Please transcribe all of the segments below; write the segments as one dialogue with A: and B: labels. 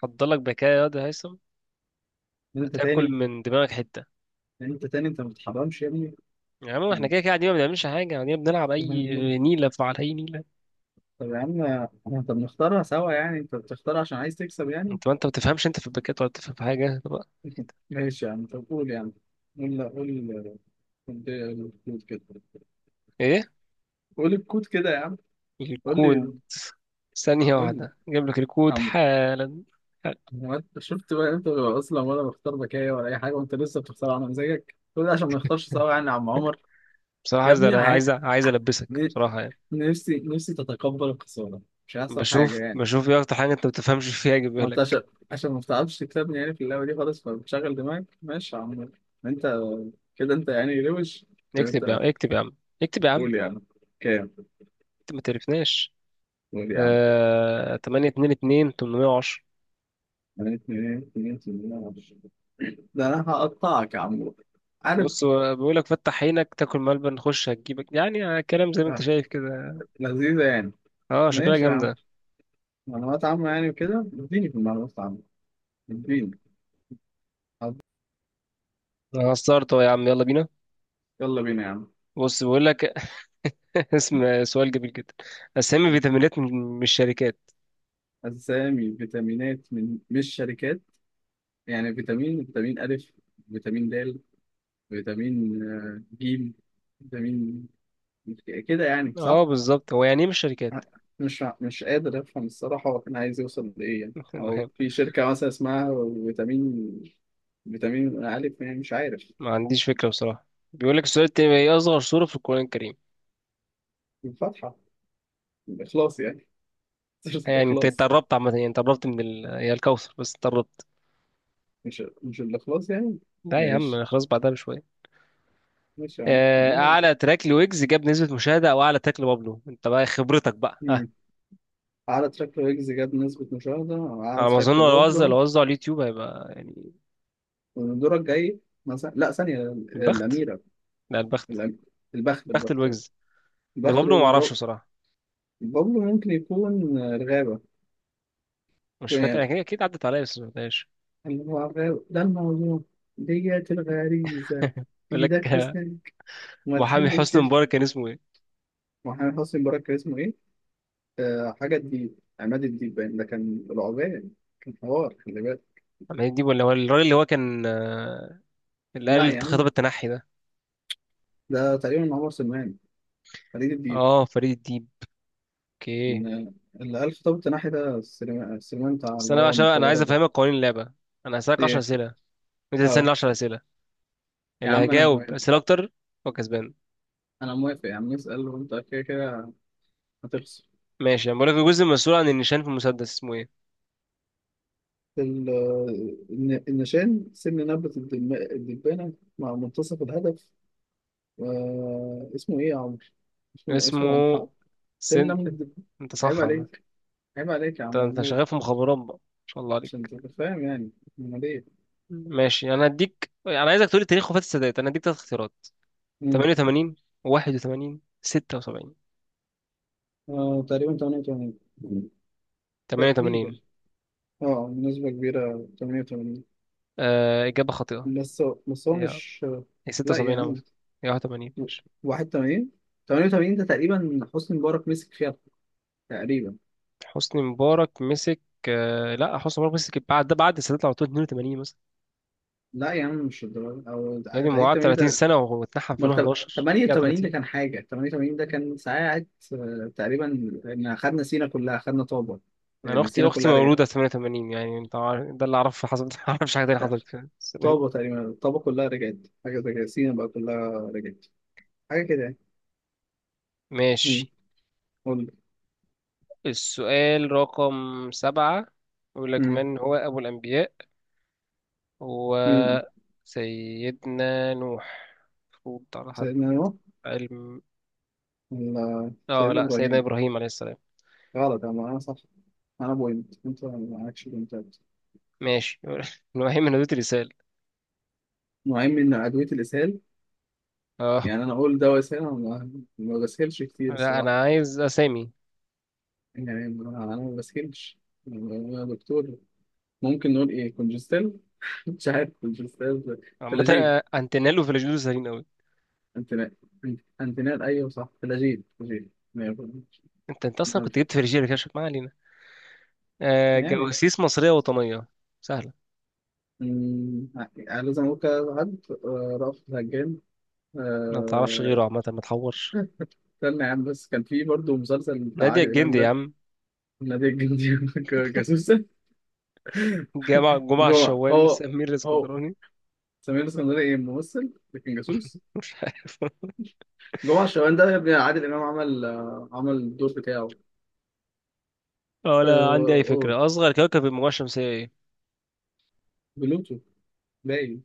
A: حضرلك بكاء يا واد يا هيثم.
B: انت
A: هتاكل
B: تاني
A: من دماغك حته.
B: انت تاني انت ما بتحرمش يا ابني.
A: يا عم احنا كده كده قاعدين، ما بنعملش حاجه، يعني قاعدين بنلعب اي نيله على اي نيله.
B: طب يا عم، طب نختارها سوا، يعني انت بتختار عشان عايز تكسب يعني.
A: انت ما بتفهمش، انت في الباكات ولا بتفهم في حاجه. طب
B: ماشي يا عم، طب قول يا عم، قول لا قول، قول الكود كده
A: ايه
B: قول الكود كده يا عم، قول لي
A: الكود؟ ثانيه
B: قول لي
A: واحده جايب لك
B: يا
A: الكود
B: عم.
A: حالا.
B: هو انت شفت بقى؟ انت اصلا ولا بختار بكاية ولا اي حاجه، وانت لسه بتختار على مزاجك، كل ده عشان ما نختارش سوا يعني، يا عم عمر.
A: بصراحه
B: يا
A: عايز،
B: ابني
A: أنا عايز عايز البسك
B: ن-
A: بصراحه يعني.
B: نفسي تتقبل الخساره، مش هيحصل حاجه
A: بشوف
B: يعني.
A: بشوف ايه اكتر حاجه انت ما بتفهمش فيها اجيبها
B: ما انت
A: لك.
B: عشان ما بتعرفش تكسبني يعني في اللعبه دي خالص، فبتشغل دماغك. ماشي يا عم، انت كده انت يعني روش كده.
A: اكتب يا عم،
B: انت
A: اكتب يا عم، اكتب يا عم.
B: قول يا عم كام،
A: انت ما تعرفناش.
B: قول يا عم.
A: 8 2 2 810.
B: انا اتنين اتنين اتنين معرفش. ده انا هقطعك يا عم، عارف؟
A: بص، هو بيقولك فتح عينك تاكل ملبن نخش هتجيبك، يعني كلام زي ما انت
B: آه،
A: شايف كده.
B: لذيذه يعني.
A: اه شكلها
B: ماشي يا عم،
A: جامدة.
B: معلومات عامه يعني كده، اديني في المعلومات العامه، اديني، حاضر.
A: انا هستارت اهو يا عم، يلا بينا.
B: يلا بينا يا عم.
A: بص بيقولك اسم سؤال جميل جدا: اسامي فيتامينات من الشركات.
B: أسامي فيتامينات من مش شركات؟ يعني فيتامين ألف، فيتامين د، فيتامين ج، فيتامين، كده يعني صح؟
A: اه بالظبط، هو يعني ايه من الشركات؟
B: مش قادر افهم الصراحه هو كان عايز يوصل لايه يعني. هو في شركه مثلا اسمها فيتامين، الف يعني، مش عارف.
A: ما عنديش فكرة بصراحة. بيقولك السؤال التاني: ايه اصغر سورة في القرآن الكريم؟
B: الفاتحه، الاخلاص يعني. سيره
A: يعني انت
B: الاخلاص.
A: قربت عامة، يعني انت قربت من هي الكوثر، بس انت قربت.
B: مش الاخلاص يعني؟
A: لا يا عم، أنا
B: ماشي،
A: خلاص بعدها بشوية.
B: ماشي يا عم، المهم.
A: اعلى تراك لويجز جاب نسبة مشاهدة او اعلى تراك لبابلو، انت بقى خبرتك بقى.
B: مم. اعلى تراك ويجز جاب نسبه مشاهده أو اعلى
A: على ما
B: تراك
A: اظن لو وزع
B: لبابلو.
A: لو وزع على اليوتيوب هيبقى يعني
B: والدور الجاي مثلا، لا، ثانيه،
A: بخت.
B: الاميره.
A: لا البخت،
B: الأم... البخت،
A: بخت
B: البخت،
A: الويجز. اللي
B: البخت
A: بابلو ما
B: الويجز،
A: اعرفش بصراحه،
B: بابلو ممكن يكون الغابه.
A: مش فاكر، انا اكيد عدت عليا بس ما سمعتهاش.
B: ده الموضوع، ديت الغريزة.
A: بيقول لك
B: إيدك في سنانك وما
A: محامي
B: تحلش يا
A: حسني
B: شيخ.
A: مبارك كان اسمه ايه؟
B: محمد حسني مبارك كان اسمه إيه؟ آه، حاجة الديب، عماد الديب باين ده كان العبان، كان حوار خلي بالك.
A: محمد الديب، ولا هو الراجل اللي هو كان، اللي
B: لا
A: قال
B: يا
A: خطاب
B: عم،
A: التنحي ده؟
B: ده تقريبا عمر سلمان، فريد الديب.
A: اه فريد الديب، اوكي.
B: إن- اللي قال خطاب التناحي ده السليمان، السليمان بتاع
A: بس
B: اللي
A: انا بقى
B: هو
A: عشان انا عايز
B: المخابرات ده.
A: افهمك قوانين اللعبه: انا هسالك 10
B: إيه؟
A: اسئله، انت تسالني
B: أه.
A: 10 اسئله،
B: يا
A: اللي
B: عم أنا
A: هيجاوب
B: موافق،
A: اسئله اكتر هو كسبان.
B: أنا موافق يا عم، اسأل، وأنت كده كده هتخسر.
A: ماشي، انا بقول لك: الجزء المسؤول عن النشان في المسدس اسمه ايه؟
B: ال- النشان سن نبتة الدبانة مع منتصف الهدف. آه، اسمه إيه يا عمرو؟ اسمه
A: اسمه
B: محمد. سن
A: سن.
B: نمل الدبانة.
A: انت
B: عيب
A: صح عامة.
B: عليك، عيب عليك يا
A: انت
B: عم
A: انت
B: محمود،
A: شغال في مخابرات بقى، ما شاء الله
B: عشان
A: عليك.
B: تبقى فاهم يعني. أمال إيه؟
A: ماشي، انا هديك، انا عايزك تقولي تاريخ وفاة السادات، انا هديك ثلاث اختيارات:
B: مم.
A: 88، 81، 76.
B: آه تقريبا 88. مم. تقريبا.
A: 88؟
B: اه بنسبة كبيرة 88.
A: آه اجابة خاطئة.
B: بس هو
A: هي
B: مش.
A: هي
B: لا يا
A: 76 عامة؟
B: عم.
A: هي 81، ماشي.
B: 81. 88 ده تقريبا حسني مبارك مسك فيها، تقريبا.
A: حسني مبارك مسك؟ آه لا، حسني مبارك مسك بعد ده، بعد السادات على طول، 82 مثلا.
B: لا يا عم مش الدرجة، أو
A: يعني هو
B: عيد
A: قعد
B: 80
A: 30
B: ده؟
A: سنة واتنحى في
B: أمال
A: 2011، رجع
B: 88 ده
A: 30.
B: كان حاجة، 88 ده كان ساعات آه، تقريبا، إن خدنا سينا كلها، خدنا طابة،
A: انا
B: يعني
A: اختي
B: سينا
A: اختي
B: كلها رجعت.
A: مولودة 88، يعني انت عارف ده اللي اعرفه حصل. ما اعرفش حاجة تانية
B: لا،
A: حصلت في السنة دي.
B: طابة تقريبا، طابة كلها رجعت، حاجة زي كده، سينا بقى كلها رجعت، حاجة كده يعني.
A: ماشي.
B: مم. قول لي.
A: السؤال رقم سبعة، يقول لك
B: مم.
A: من هو أبو الأنبياء؟ هو
B: مين؟
A: سيدنا نوح، المفروض على حد
B: سيدنا نوح
A: علم.
B: ولا
A: اه
B: سيدنا
A: لا، سيدنا
B: إبراهيم؟
A: إبراهيم عليه السلام،
B: غلط، أنا صح، أنا بوينت، أنت معكش بوينتات.
A: ماشي. إبراهيم من ذات رسالة.
B: نوعين من أدوية الإسهال؟
A: اه
B: يعني أنا أقول دواء إسهال، أنا ما بسهلش كتير
A: لا،
B: الصراحة،
A: أنا عايز أسامي.
B: يعني انا ما بسكنش، يعني يا دكتور. ممكن نقول ايه، كونجستيل؟ مش عارف، كونجستيل،
A: عامة،
B: فلاجيل،
A: أنتنيلو في الجدود سهلين أوي.
B: انتنال. انتنال ايوه صح، فلاجيل، فلاجيل مية في المية.
A: أنت أنت أصلا كنت جبت في رجالة كده، ما علينا. آه
B: يعني
A: جواسيس مصرية وطنية سهلة.
B: مم، يعني لازم اقول كده حد رأفت الهجان.
A: ما تعرفش
B: آه،
A: غيره عامة، ما تحورش.
B: استنى يا عم، بس كان في برضه مسلسل بتاع
A: نادية
B: عادل امام
A: الجندي يا
B: ده.
A: عم،
B: نادي الجندي. جاسوسة.
A: جمع جمعة
B: جوه
A: الشوان،
B: هو،
A: سمير
B: هو
A: الاسكندراني.
B: سمير اسكندري ايه، ممثل لكن جاسوس. جمعة الشوال ده يا ابني عادل إمام عمل عمل الدور بتاعه.
A: ولا عندي أي فكرة.
B: قول.
A: أصغر كوكب في المجموعة الشمسية إيه؟
B: بلوتو، باين،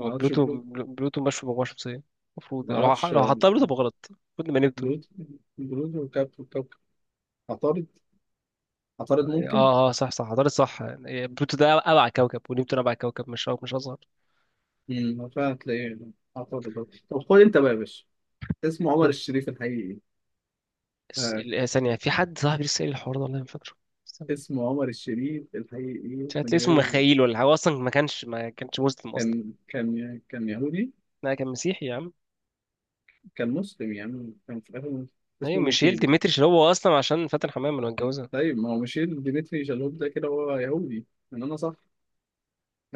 B: ما اعرفش،
A: بلوتو؟
B: بلوتو.
A: بلوتو مش في المجموعة الشمسية المفروض،
B: ما
A: يعني لو
B: اعرفش
A: لو حطها بلوتو بغلط المفروض نبقى نبتون.
B: بلوتو، بلوتو وكابتن كوكب. عطارد، عطارد ممكن.
A: اه اه صح صح، حضرتك صح، يعني بلوتو ده أبعد كوكب، ونبتون أبعد كوكب، مش أصغر.
B: امم، فعلا تلاقيه عطارد برضه. طب خد انت بقى يا باشا، اسمه عمر الشريف الحقيقي ايه؟ آه.
A: ثانية، في حد صاحبي لسه قايل الحوار ده والله، ما فاكره. استنى.
B: اسمه عمر الشريف الحقيقي ايه؟
A: مش هتلاقي
B: من
A: اسمه
B: غير.
A: مخايل ولا حاجة، هو أصلا ما كانش مسلم أصلا.
B: كان كان يهودي.
A: لا كان مسيحي يا عم.
B: كان مسلم يعني، كان في الاخر، اسمه
A: أيوة ميشيل
B: ميشيل.
A: ديمتريش، اللي هو أصلا عشان فاتن حمامة لو اتجوزها.
B: طيب ما هو ميشيل ديمتري شالوب ده كده هو يهودي. ان انا صح،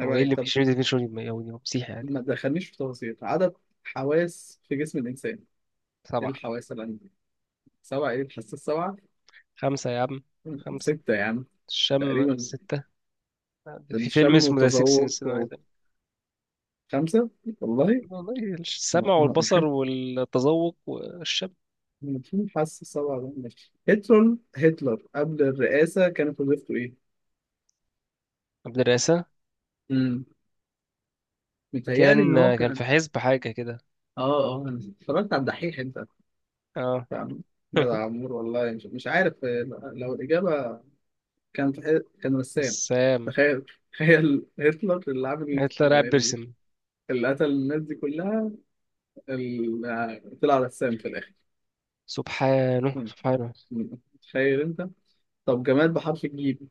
B: عيب
A: هو إيه
B: عليك.
A: اللي
B: طب
A: ميشيل ديمتريش يهودي؟ هو مسيحي عادي.
B: ما تدخلنيش في تفاصيل. عدد حواس في جسم الإنسان؟ إيه
A: سبعة؟
B: الحواس اللي عندي؟ سبعة، إيه الحاسة السبعة؟
A: خمسة يا عم، خمسة.
B: ستة يا عم،
A: الشم
B: تقريبا.
A: ستة؟ في فيلم
B: الشم
A: اسمه ذا سيكس
B: والتذوق
A: سنس.
B: خمسة والله.
A: والله السمع والبصر والتذوق والشم.
B: في حاسة السبعة ده؟ ماشي. هتلر، هتلر قبل الرئاسة كانت وظيفته إيه؟
A: المدرسة.
B: امم، متهيألي
A: كان،
B: إن هو
A: كان في
B: كان.
A: حزب حاجة كده.
B: آه آه، أنا اتفرجت على الدحيح أنت
A: اه.
B: فاهم. جدع يا عمور، والله مش عارف لو الإجابة، كان، كان رسام.
A: السام؟
B: تخيل، تخيل هتلر اللي عامل
A: هتلر قاعد بيرسم!
B: اللي قتل الناس دي كلها، طلع رسام في الآخر.
A: سبحانه
B: مم.
A: سبحانه.
B: مم. تخيل أنت. طب جماد بحرف الجيم؟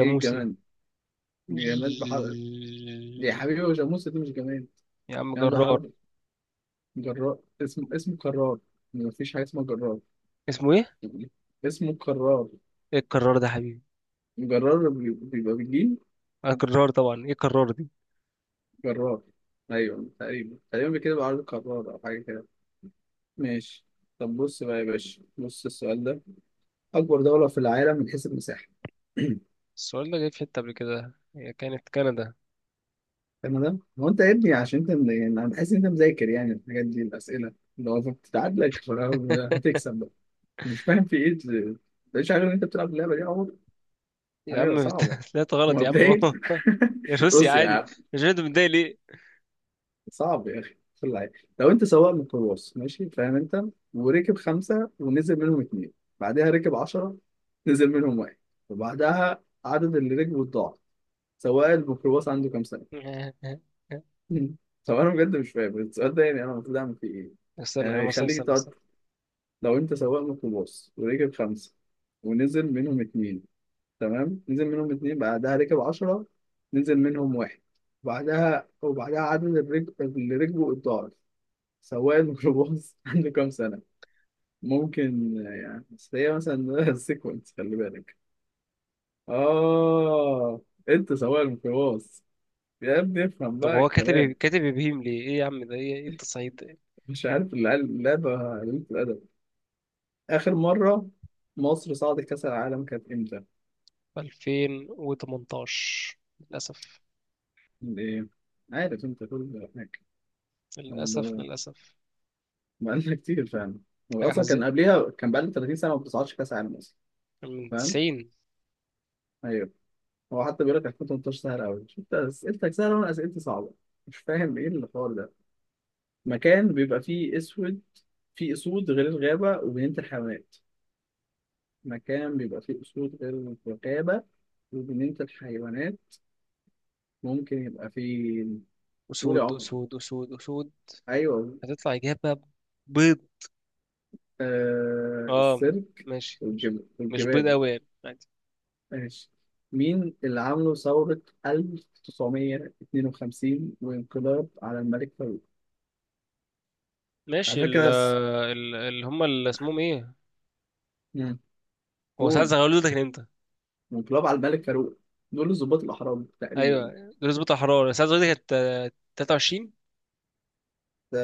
B: إيه الجماد؟ جماد بحرف. يا
A: ج-.
B: حبيبي هو جاموسة دي مش جماد.
A: يا عم
B: جماد
A: جرار.
B: بحرف. جرار اسم، اسمه كرار، مفيش حاجة اسمها جرار،
A: اسمه ايه؟
B: اسمه كرار.
A: ايه الكرار ده يا حبيبي؟
B: جرار بيبقى بالجيم.
A: اه جرار طبعا، ايه الكرار دي؟
B: جرار أيوه، تقريبا تقريبا كده بيبقى، عارف، كرار أو حاجة كده. ماشي. طب بص بقى يا باشا، بص السؤال ده، أكبر دولة في العالم من حيث المساحة.
A: السؤال ده جاي في حتة قبل كده، هي كانت كندا.
B: تمام. هو أنت يا ابني عشان أنت يعني أنا بحس إن أنت مذاكر يعني الحاجات دي، الأسئلة لو بتتعادلك هتكسب بقى. مش فاهم في إيه مش عارف إن أنت بتلعب اللعبة دي يا عمر،
A: يا
B: حاجة
A: عم.
B: صعبة.
A: طلعت غلط يا عم.
B: مبدئيا
A: اهو. يا روسيا عادي،
B: روسيا.
A: مش انت متضايق ليه؟
B: صعب يا اخي في العين. لو انت سواق ميكروباص، ماشي، فاهم انت، وركب خمسه، ونزل منهم اتنين، بعدها ركب عشره، نزل منهم واحد، وبعدها عدد اللي ركبوا اتضاعف، سواق الميكروباص عنده كام سنه؟ مم. طب انا بجد مش فاهم السؤال ده، يعني انا المفروض اعمل فيه ايه؟
A: استنى يا
B: يعني
A: عم، استنى
B: يخليك
A: استنى
B: تقعد.
A: استنى.
B: لو انت سواق ميكروباص، وركب خمسه، ونزل منهم اتنين، تمام، نزل منهم اتنين، بعدها ركب عشرة، نزل منهم واحد، وبعدها عدد اللي ركبوا اتضاعف، سواق الميكروباص عنده كام سنة؟ ممكن، يعني بس هي مثلا سيكونس، خلي بالك. آه، أنت سواق الميكروباص، يا ابني افهم
A: طب
B: بقى
A: هو كاتب
B: الكلام.
A: كاتب ابهيم ليه؟ ايه يا عم ده، ايه ايه التصعيد ده؟
B: مش عارف اللعبة قليلة الأدب. آخر مرة مصر صعدت كأس العالم كانت إمتى؟
A: 2018 للاسف،
B: إيه، عارف أنت كل هناك،
A: للاسف للاسف،
B: بقالنا كتير فعلا. هو
A: حاجه
B: أصلا كان
A: حزينه
B: قبليها كان بقالنا 30 سنة ما بتصعدش كأس العالم أصلا.
A: من
B: فاهم؟
A: 90.
B: أيوه. هو حتى بيقول لك 2018 سهل قوي، انت اسئلتك سهله وانا اسئلتي صعبه، مش فاهم ايه الحوار ده. مكان بيبقى فيه اسود، فيه اسود غير الغابه وبنينه الحيوانات، مكان بيبقى فيه اسود غير الغابه وبنينه الحيوانات، ممكن يبقى فيه. قول يا
A: اسود،
B: عمر.
A: اسود اسود اسود.
B: ايوه.
A: هتطلع اجابه بيض.
B: آه،
A: اه،
B: السيرك.
A: ماشي ماشي.
B: والجبال،
A: مش بيض
B: والجبال.
A: قوي يعني، عادي.
B: ماشي. مين اللي عملوا ثورة 1952 وانقلاب على الملك فاروق؟ على
A: ماشي،
B: فكرة بس.
A: اللي هم اللي اسمهم ايه؟
B: مم.
A: هو ساعات
B: قول.
A: زغلول ده كان امتى؟
B: انقلاب على الملك فاروق، دول الضباط الأحرار تقريبا.
A: ايوه دول بتاع حراره، ساعة دي كانت 23.
B: ده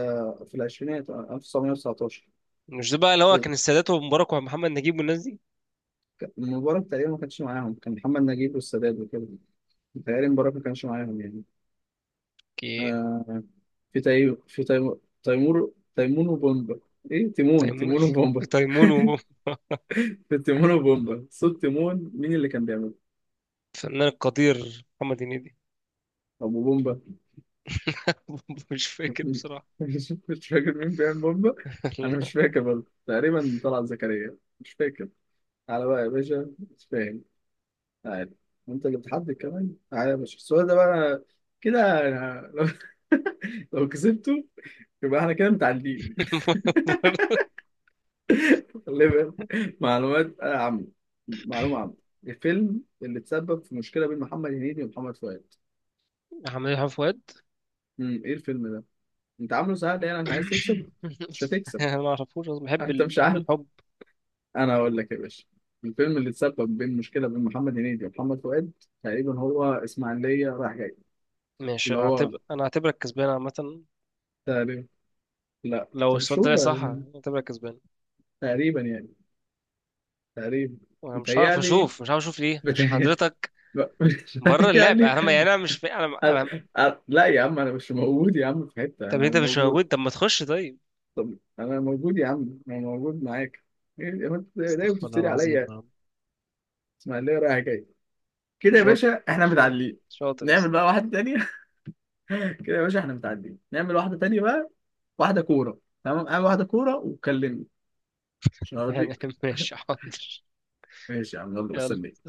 B: في العشرينات، آه، 1919.
A: مش ده بقى اللي هو كان السادات ومبارك ومحمد نجيب والناس دي؟
B: المباراة تقريبا ما كانش معاهم، كان محمد نجيب والسادات وكده، متهيألي المباراة ما كانش معاهم يعني.
A: كي.
B: آه. في تي... في تي... تيمور، تيمون وبومبا، ايه، تيمون،
A: تيمون
B: تيمون وبومبا.
A: تيمون وفنان.
B: في تيمون وبومبا، صوت تيمون مين اللي كان بيعمله؟
A: القدير محمد هنيدي.
B: أبو بومبا.
A: مش فاكر بصراحة.
B: مش فاكر مين بيعمل بومبا. أنا مش فاكر برضه، تقريبا طلعت زكريا، مش فاكر. على بقى يا باشا، مش فاهم، عارف، انت اللي بتحدد كمان. تعالى يا باشا، السؤال ده بقى، كده. أنا لو لو كسبته يبقى احنا كده متعادلين. خلي بالك. معلومات عامة، معلومة عامة، الفيلم اللي تسبب في مشكلة بين محمد هنيدي ومحمد فؤاد.
A: محمد حب فؤاد.
B: امم، ايه الفيلم ده؟ انت عامله سهل يعني عشان عايز تكسب؟ مش هتكسب.
A: انا ما اعرفوش أصلاً، بحب
B: انت مش عارف،
A: الحب.
B: انا هقول لك يا باشا، الفيلم اللي تسبب بين مشكلة بين محمد هنيدي ومحمد فؤاد، تقريبا هو اسماعيلية رايح جاي.
A: ماشي،
B: اللي
A: انا
B: هو،
A: هعتبر، انا هعتبرك كسبان عامة.
B: تقريبا. لا،
A: لو
B: طب
A: السؤال
B: شوف
A: ده
B: بقى،
A: صح هعتبرك كسبان،
B: تقريبا يعني، تقريبا،
A: وانا مش هعرف
B: متهيألي،
A: اشوف، مش هعرف اشوف ليه عشان
B: متهيألي
A: حضرتك بره اللعب.
B: متهيألي.
A: انا ما، يعني انا مش فا...
B: أنا...
A: انا.
B: لا يا عم، أنا مش موجود يا عم في حتة،
A: طب
B: أنا
A: انت مش
B: موجود.
A: موجود، طب ما تخش طيب.
B: طب أنا موجود يا عم، أنا موجود معاك. إيه يا عم، أنت دايما
A: استغفر الله
B: بتفتري
A: العظيم
B: عليا.
A: يا رب.
B: إسماعيلية رايحة جاية، كده يا
A: شاطر
B: باشا إحنا
A: شاطر،
B: متعادلين.
A: شاطر يا
B: نعمل
A: اسطى.
B: بقى واحدة تانية. كده يا باشا إحنا متعادلين، نعمل واحدة تانية بقى، واحدة كورة، تمام، أعمل واحدة كورة وكلمني عشان
A: يعني
B: أوريك.
A: ماشي، حاضر.
B: ماشي يا عم، يلا
A: يلا.
B: بستنيك.